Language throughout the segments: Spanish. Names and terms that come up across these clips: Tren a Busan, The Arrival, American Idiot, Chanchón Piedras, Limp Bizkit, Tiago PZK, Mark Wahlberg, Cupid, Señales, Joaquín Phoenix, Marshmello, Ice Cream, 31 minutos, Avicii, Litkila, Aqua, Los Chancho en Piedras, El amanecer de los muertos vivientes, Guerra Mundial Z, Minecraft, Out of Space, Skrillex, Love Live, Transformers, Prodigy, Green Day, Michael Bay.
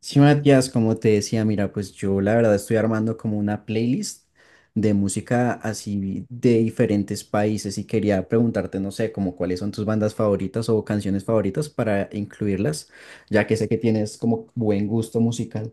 Sí, Matías, como te decía, mira, pues yo la verdad estoy armando como una playlist de música así de diferentes países y quería preguntarte, no sé, como cuáles son tus bandas favoritas o canciones favoritas para incluirlas, ya que sé que tienes como buen gusto musical.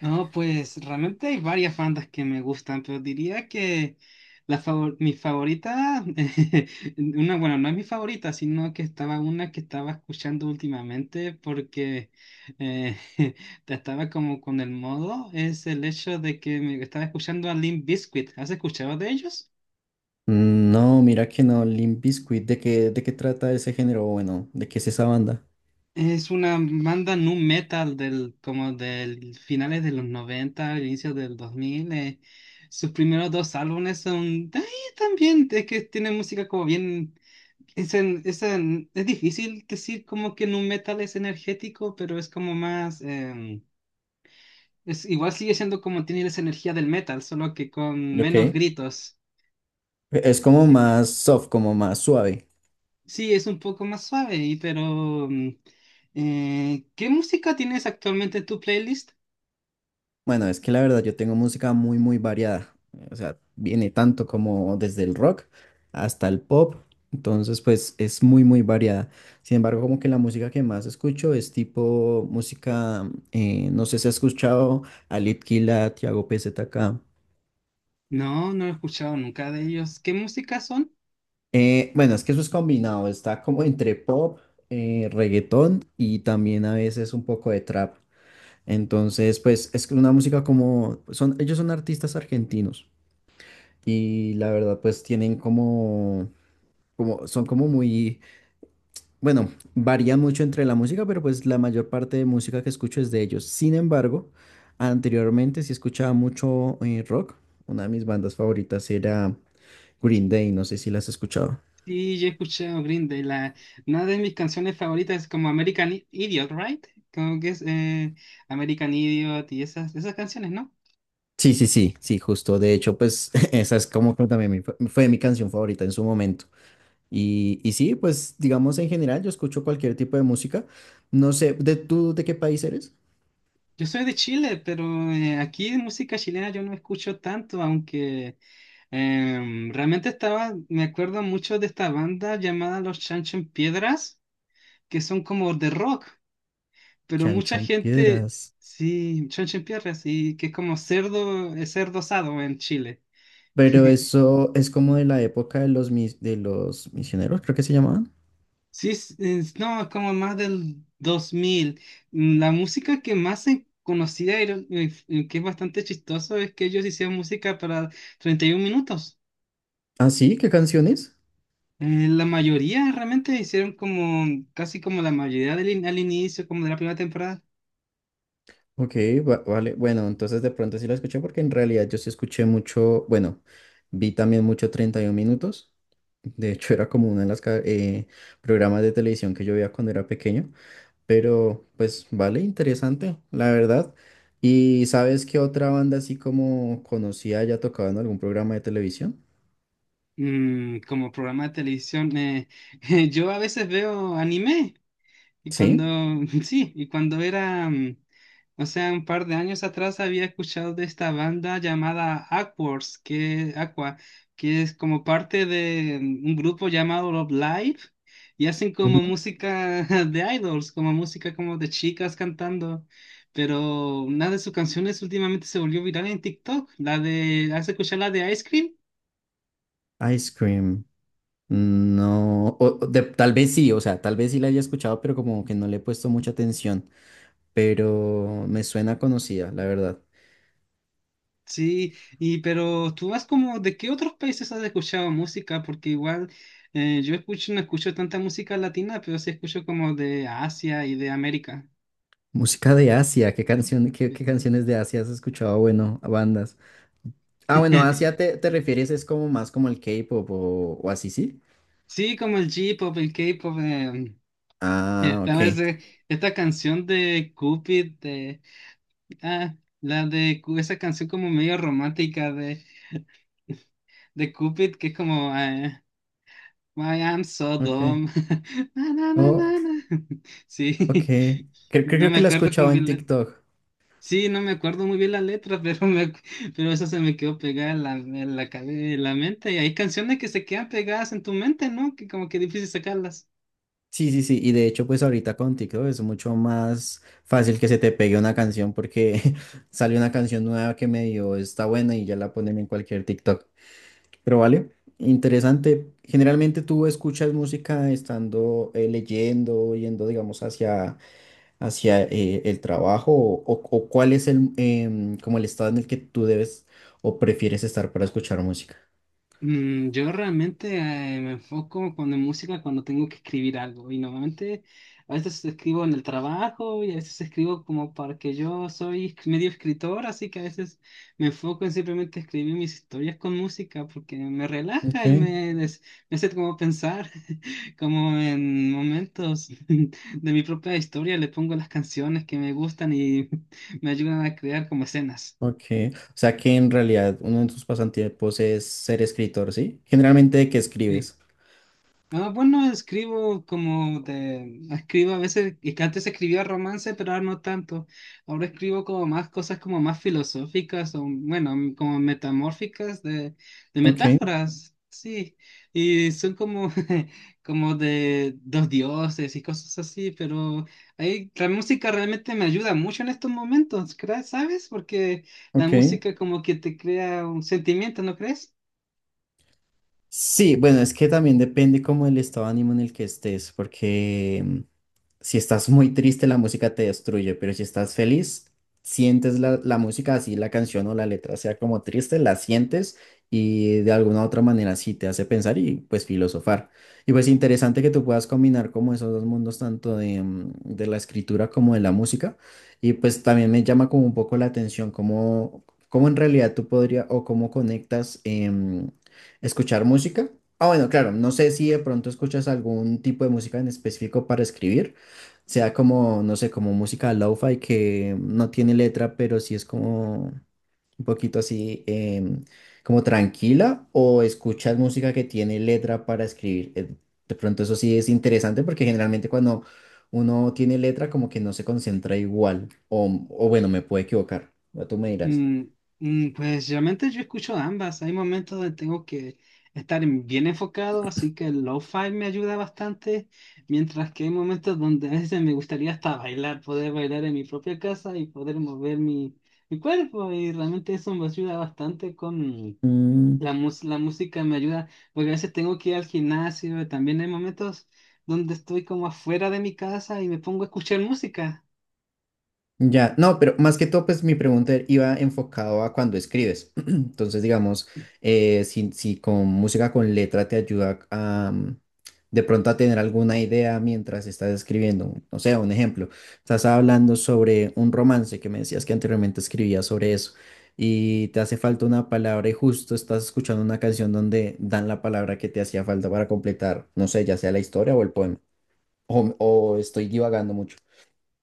No, pues realmente hay varias bandas que me gustan, pero diría que mi favorita. Una, bueno, no es mi favorita, sino que estaba una que estaba escuchando últimamente porque eh, estaba como con el modo, es el hecho de que me estaba escuchando a Limp Bizkit. ¿Has escuchado de ellos? No, mira que no, Limp Bizkit, de qué trata ese género? Bueno, ¿de qué es esa banda? Es una banda nu metal como del finales de los 90, inicios del 2000. Sus primeros dos álbumes son ay, también, es que tienen música como bien. Es difícil decir como que nu metal es energético, pero es como más. Em, es, igual sigue siendo como tiene esa energía del metal, solo que con Ok, menos e-, gritos. es como Sí, más soft, como más suave. sí, es un poco más suave, y pero ¿qué música tienes actualmente en tu playlist? Bueno, es que la verdad yo tengo música muy variada. O sea, viene tanto como desde el rock hasta el pop. Entonces, pues es muy variada. Sin embargo, como que la música que más escucho es tipo música, no sé si has escuchado a Litkila, Tiago PZK. No, no he escuchado nunca de ellos. ¿Qué música son? Bueno, es que eso es combinado, está como entre pop, reggaetón y también a veces un poco de trap. Entonces, pues es una música ellos son artistas argentinos. Y la verdad, pues tienen son como bueno, varían mucho entre la música, pero pues la mayor parte de música que escucho es de ellos. Sin embargo, anteriormente sí escuchaba mucho rock. Una de mis bandas favoritas era Green Day, no sé si las has escuchado. Sí, yo he escuchado Green Day. Una de mis canciones favoritas es como American Idiot, ¿right? Como que es American Idiot y esas canciones, ¿no? Sí, sí, sí, sí, justo. De hecho, pues esa es como que también fue mi canción favorita en su momento. Y sí, pues digamos en general, yo escucho cualquier tipo de música. No sé, ¿de tú de qué país eres? Yo soy de Chile, pero aquí de música chilena yo no escucho tanto, aunque realmente me acuerdo mucho de esta banda llamada Los Chancho en Piedras, que son como de rock. Pero mucha Chanchón gente. Piedras. Sí, Pierre, sí, que es como cerdo, es cerdo asado en Chile. Pero eso es como de la época de de los misioneros, creo que se llamaban. Sí, no, es como más del 2000. Mm. La música que más se conocía que es bastante chistoso es que ellos hicieron música para 31 minutos. ¿Ah, sí? ¿Qué canciones? La mayoría realmente hicieron como, casi como la mayoría al inicio, como de la primera temporada. Ok, vale. Bueno, entonces de pronto sí la escuché porque en realidad yo sí escuché mucho, bueno, vi también mucho 31 minutos. De hecho, era como uno de los programas de televisión que yo veía cuando era pequeño. Pero, pues, vale, interesante, la verdad. ¿Y sabes qué otra banda así como conocía ya tocaba en algún programa de televisión? Como programa de televisión, yo a veces veo anime. Y cuando, Sí. sí, y cuando era, o sea, un par de años atrás había escuchado de esta banda llamada Aqua, que es como parte de un grupo llamado Love Live, y hacen Ujú. como música de idols, como música como de chicas cantando, pero una de sus canciones últimamente se volvió viral en TikTok, ¿has escuchado la de Ice Cream? Ice Cream. No, tal vez sí, o sea, tal vez sí la haya escuchado, pero como que no le he puesto mucha atención, pero me suena conocida, la verdad. Sí, y pero tú vas como, ¿de qué otros países has escuchado música? Porque igual no escucho tanta música latina, pero sí escucho como de Asia y de América. Música de Asia, ¿qué, qué canciones de Asia has escuchado? Ah, bueno, a bandas. Ah, bueno, Asia te refieres es como más como el K-pop o así, ¿sí? Sí, como el J-pop, el K-pop, Ah, esta vez, esta canción de Cupid, ah, la de esa canción como medio romántica de, Cupid, que es como, Why I'm so ok. dumb. Na, na, na, Oh, na, na. ok. Sí, Creo, no creo me que la he acuerdo escuchado como en bien la. TikTok. Sí, no me acuerdo muy bien la letra, pero eso se me quedó pegada en la mente. Y hay canciones que se quedan pegadas en tu mente, ¿no? Que como que difícil sacarlas. Sí, sí, sí, y de hecho pues ahorita con TikTok es mucho más fácil que se te pegue una canción porque sale una canción nueva que medio está buena y ya la ponen en cualquier TikTok. Pero vale, interesante. Generalmente tú escuchas música estando leyendo, yendo digamos hacia el trabajo o cuál es el como el estado en el que tú debes o prefieres estar para escuchar música. Yo realmente me enfoco cuando en música cuando tengo que escribir algo y normalmente a veces escribo en el trabajo y a veces escribo como para que yo soy medio escritor, así que a veces me enfoco en simplemente escribir mis historias con música porque me Ok. relaja y me hace como pensar, como en momentos de mi propia historia le pongo las canciones que me gustan y me ayudan a crear como escenas. Ok, o sea que en realidad uno de tus pasatiempos es ser escritor, ¿sí? Generalmente, ¿de qué Sí. escribes? Ah, bueno, Escribo a veces, y que antes escribía romance, pero ahora no tanto. Ahora escribo como más cosas como más filosóficas o, bueno, como metamórficas de Ok, metáforas, sí. Y son como de dos dioses y cosas así, pero ahí la música realmente me ayuda mucho en estos momentos, ¿crees? ¿Sabes? Porque la ok. música como que te crea un sentimiento, ¿no crees? Sí, bueno, es que también depende como el estado de ánimo en el que estés, porque si estás muy triste la música te destruye, pero si estás feliz, sientes la música así, la canción o la letra sea como triste, la sientes y de alguna u otra manera sí te hace pensar y pues filosofar. Y pues interesante que tú puedas combinar como esos dos mundos, tanto de, de la escritura como de la música. Y pues también me llama como un poco la atención cómo en realidad tú podrías o cómo conectas. ¿Escuchar música? Ah, bueno, claro, no sé si de pronto escuchas algún tipo de música en específico para escribir, sea como, no sé, como música lo-fi que no tiene letra, pero sí es como un poquito así, como tranquila, o escuchas música que tiene letra para escribir. De pronto eso sí es interesante porque generalmente cuando uno tiene letra como que no se concentra igual, o bueno, me puedo equivocar, ya tú me dirás. Mm, pues realmente yo escucho ambas. Hay momentos donde tengo que estar bien enfocado, así que el lo-fi me ayuda bastante, mientras que hay momentos donde a veces me gustaría hasta bailar, poder bailar en mi propia casa y poder mover mi cuerpo. Y realmente eso me ayuda bastante con la música, me ayuda, porque a veces tengo que ir al gimnasio. También hay momentos donde estoy como afuera de mi casa y me pongo a escuchar música. Ya, no, pero más que todo, pues mi pregunta iba enfocado a cuando escribes. Entonces, digamos, si con música con letra te ayuda a de pronto a tener alguna idea mientras estás escribiendo. No sé, un ejemplo, estás hablando sobre un romance que me decías que anteriormente escribías sobre eso y te hace falta una palabra y justo estás escuchando una canción donde dan la palabra que te hacía falta para completar, no sé, ya sea la historia o el poema. O estoy divagando mucho.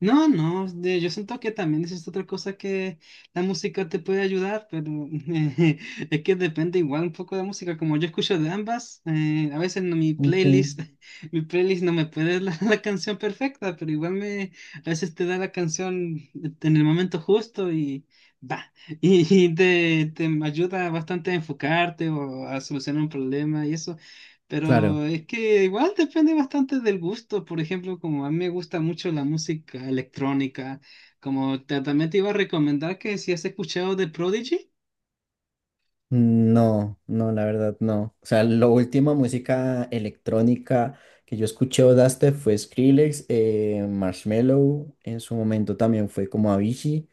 No, no, yo siento que también esa es otra cosa que la música te puede ayudar, pero es que depende igual un poco de la música. Como yo escucho de ambas, a veces no, mi Ok. playlist, mi playlist no me puede dar la canción perfecta, pero igual a veces te da la canción en el momento justo y va, y te ayuda bastante a enfocarte o a solucionar un problema y eso. Claro. Pero es que igual depende bastante del gusto. Por ejemplo, como a mí me gusta mucho la música electrónica, como también te iba a recomendar que si has escuchado de Prodigy. No, no, la verdad no. O sea, la última música electrónica que yo escuché o daste fue Skrillex, Marshmello, en su momento también fue como Avicii.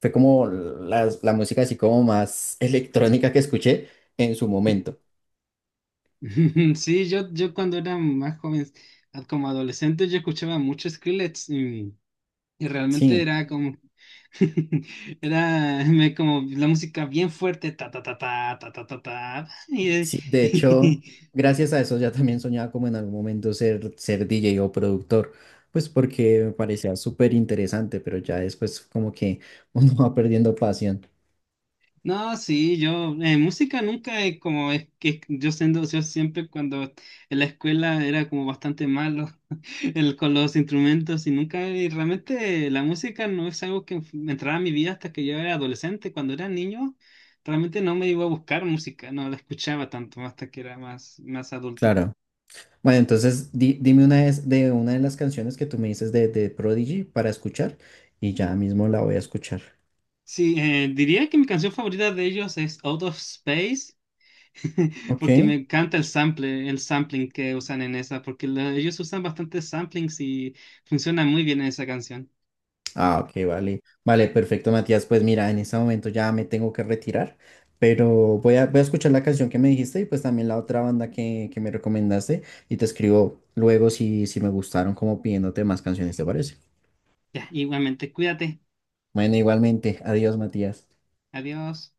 Fue como la música así como más electrónica que escuché en su momento. Sí, yo cuando era más joven, como adolescente, yo escuchaba mucho Skrillex. Y realmente Sí, era como, era como la música bien fuerte, ta ta ta ta ta ta ta ta. Sí, de hecho, gracias a eso ya también soñaba como en algún momento ser DJ o productor, pues porque me parecía súper interesante, pero ya después como que uno va perdiendo pasión. No, sí, música nunca es que yo siempre cuando en la escuela era como bastante malo con los instrumentos y nunca, y realmente la música no es algo que me entrara a mi vida hasta que yo era adolescente, cuando era niño, realmente no me iba a buscar música, no la escuchaba tanto hasta que era más adulto. Claro. Bueno, entonces dime una vez de una de las canciones que tú me dices de Prodigy para escuchar y ya mismo la voy a escuchar. Sí, diría que mi canción favorita de ellos es Out of Space, porque Ok. me encanta el sample, el sampling que usan en esa, porque ellos usan bastantes samplings y funciona muy bien en esa canción. Ah, ok, vale. Vale, perfecto, Matías. Pues mira, en este momento ya me tengo que retirar, pero voy a escuchar la canción que me dijiste y pues también la otra banda que me recomendaste y te escribo luego si me gustaron como pidiéndote más canciones, ¿te parece? Ya, igualmente, cuídate. Bueno, igualmente. Adiós, Matías. Adiós.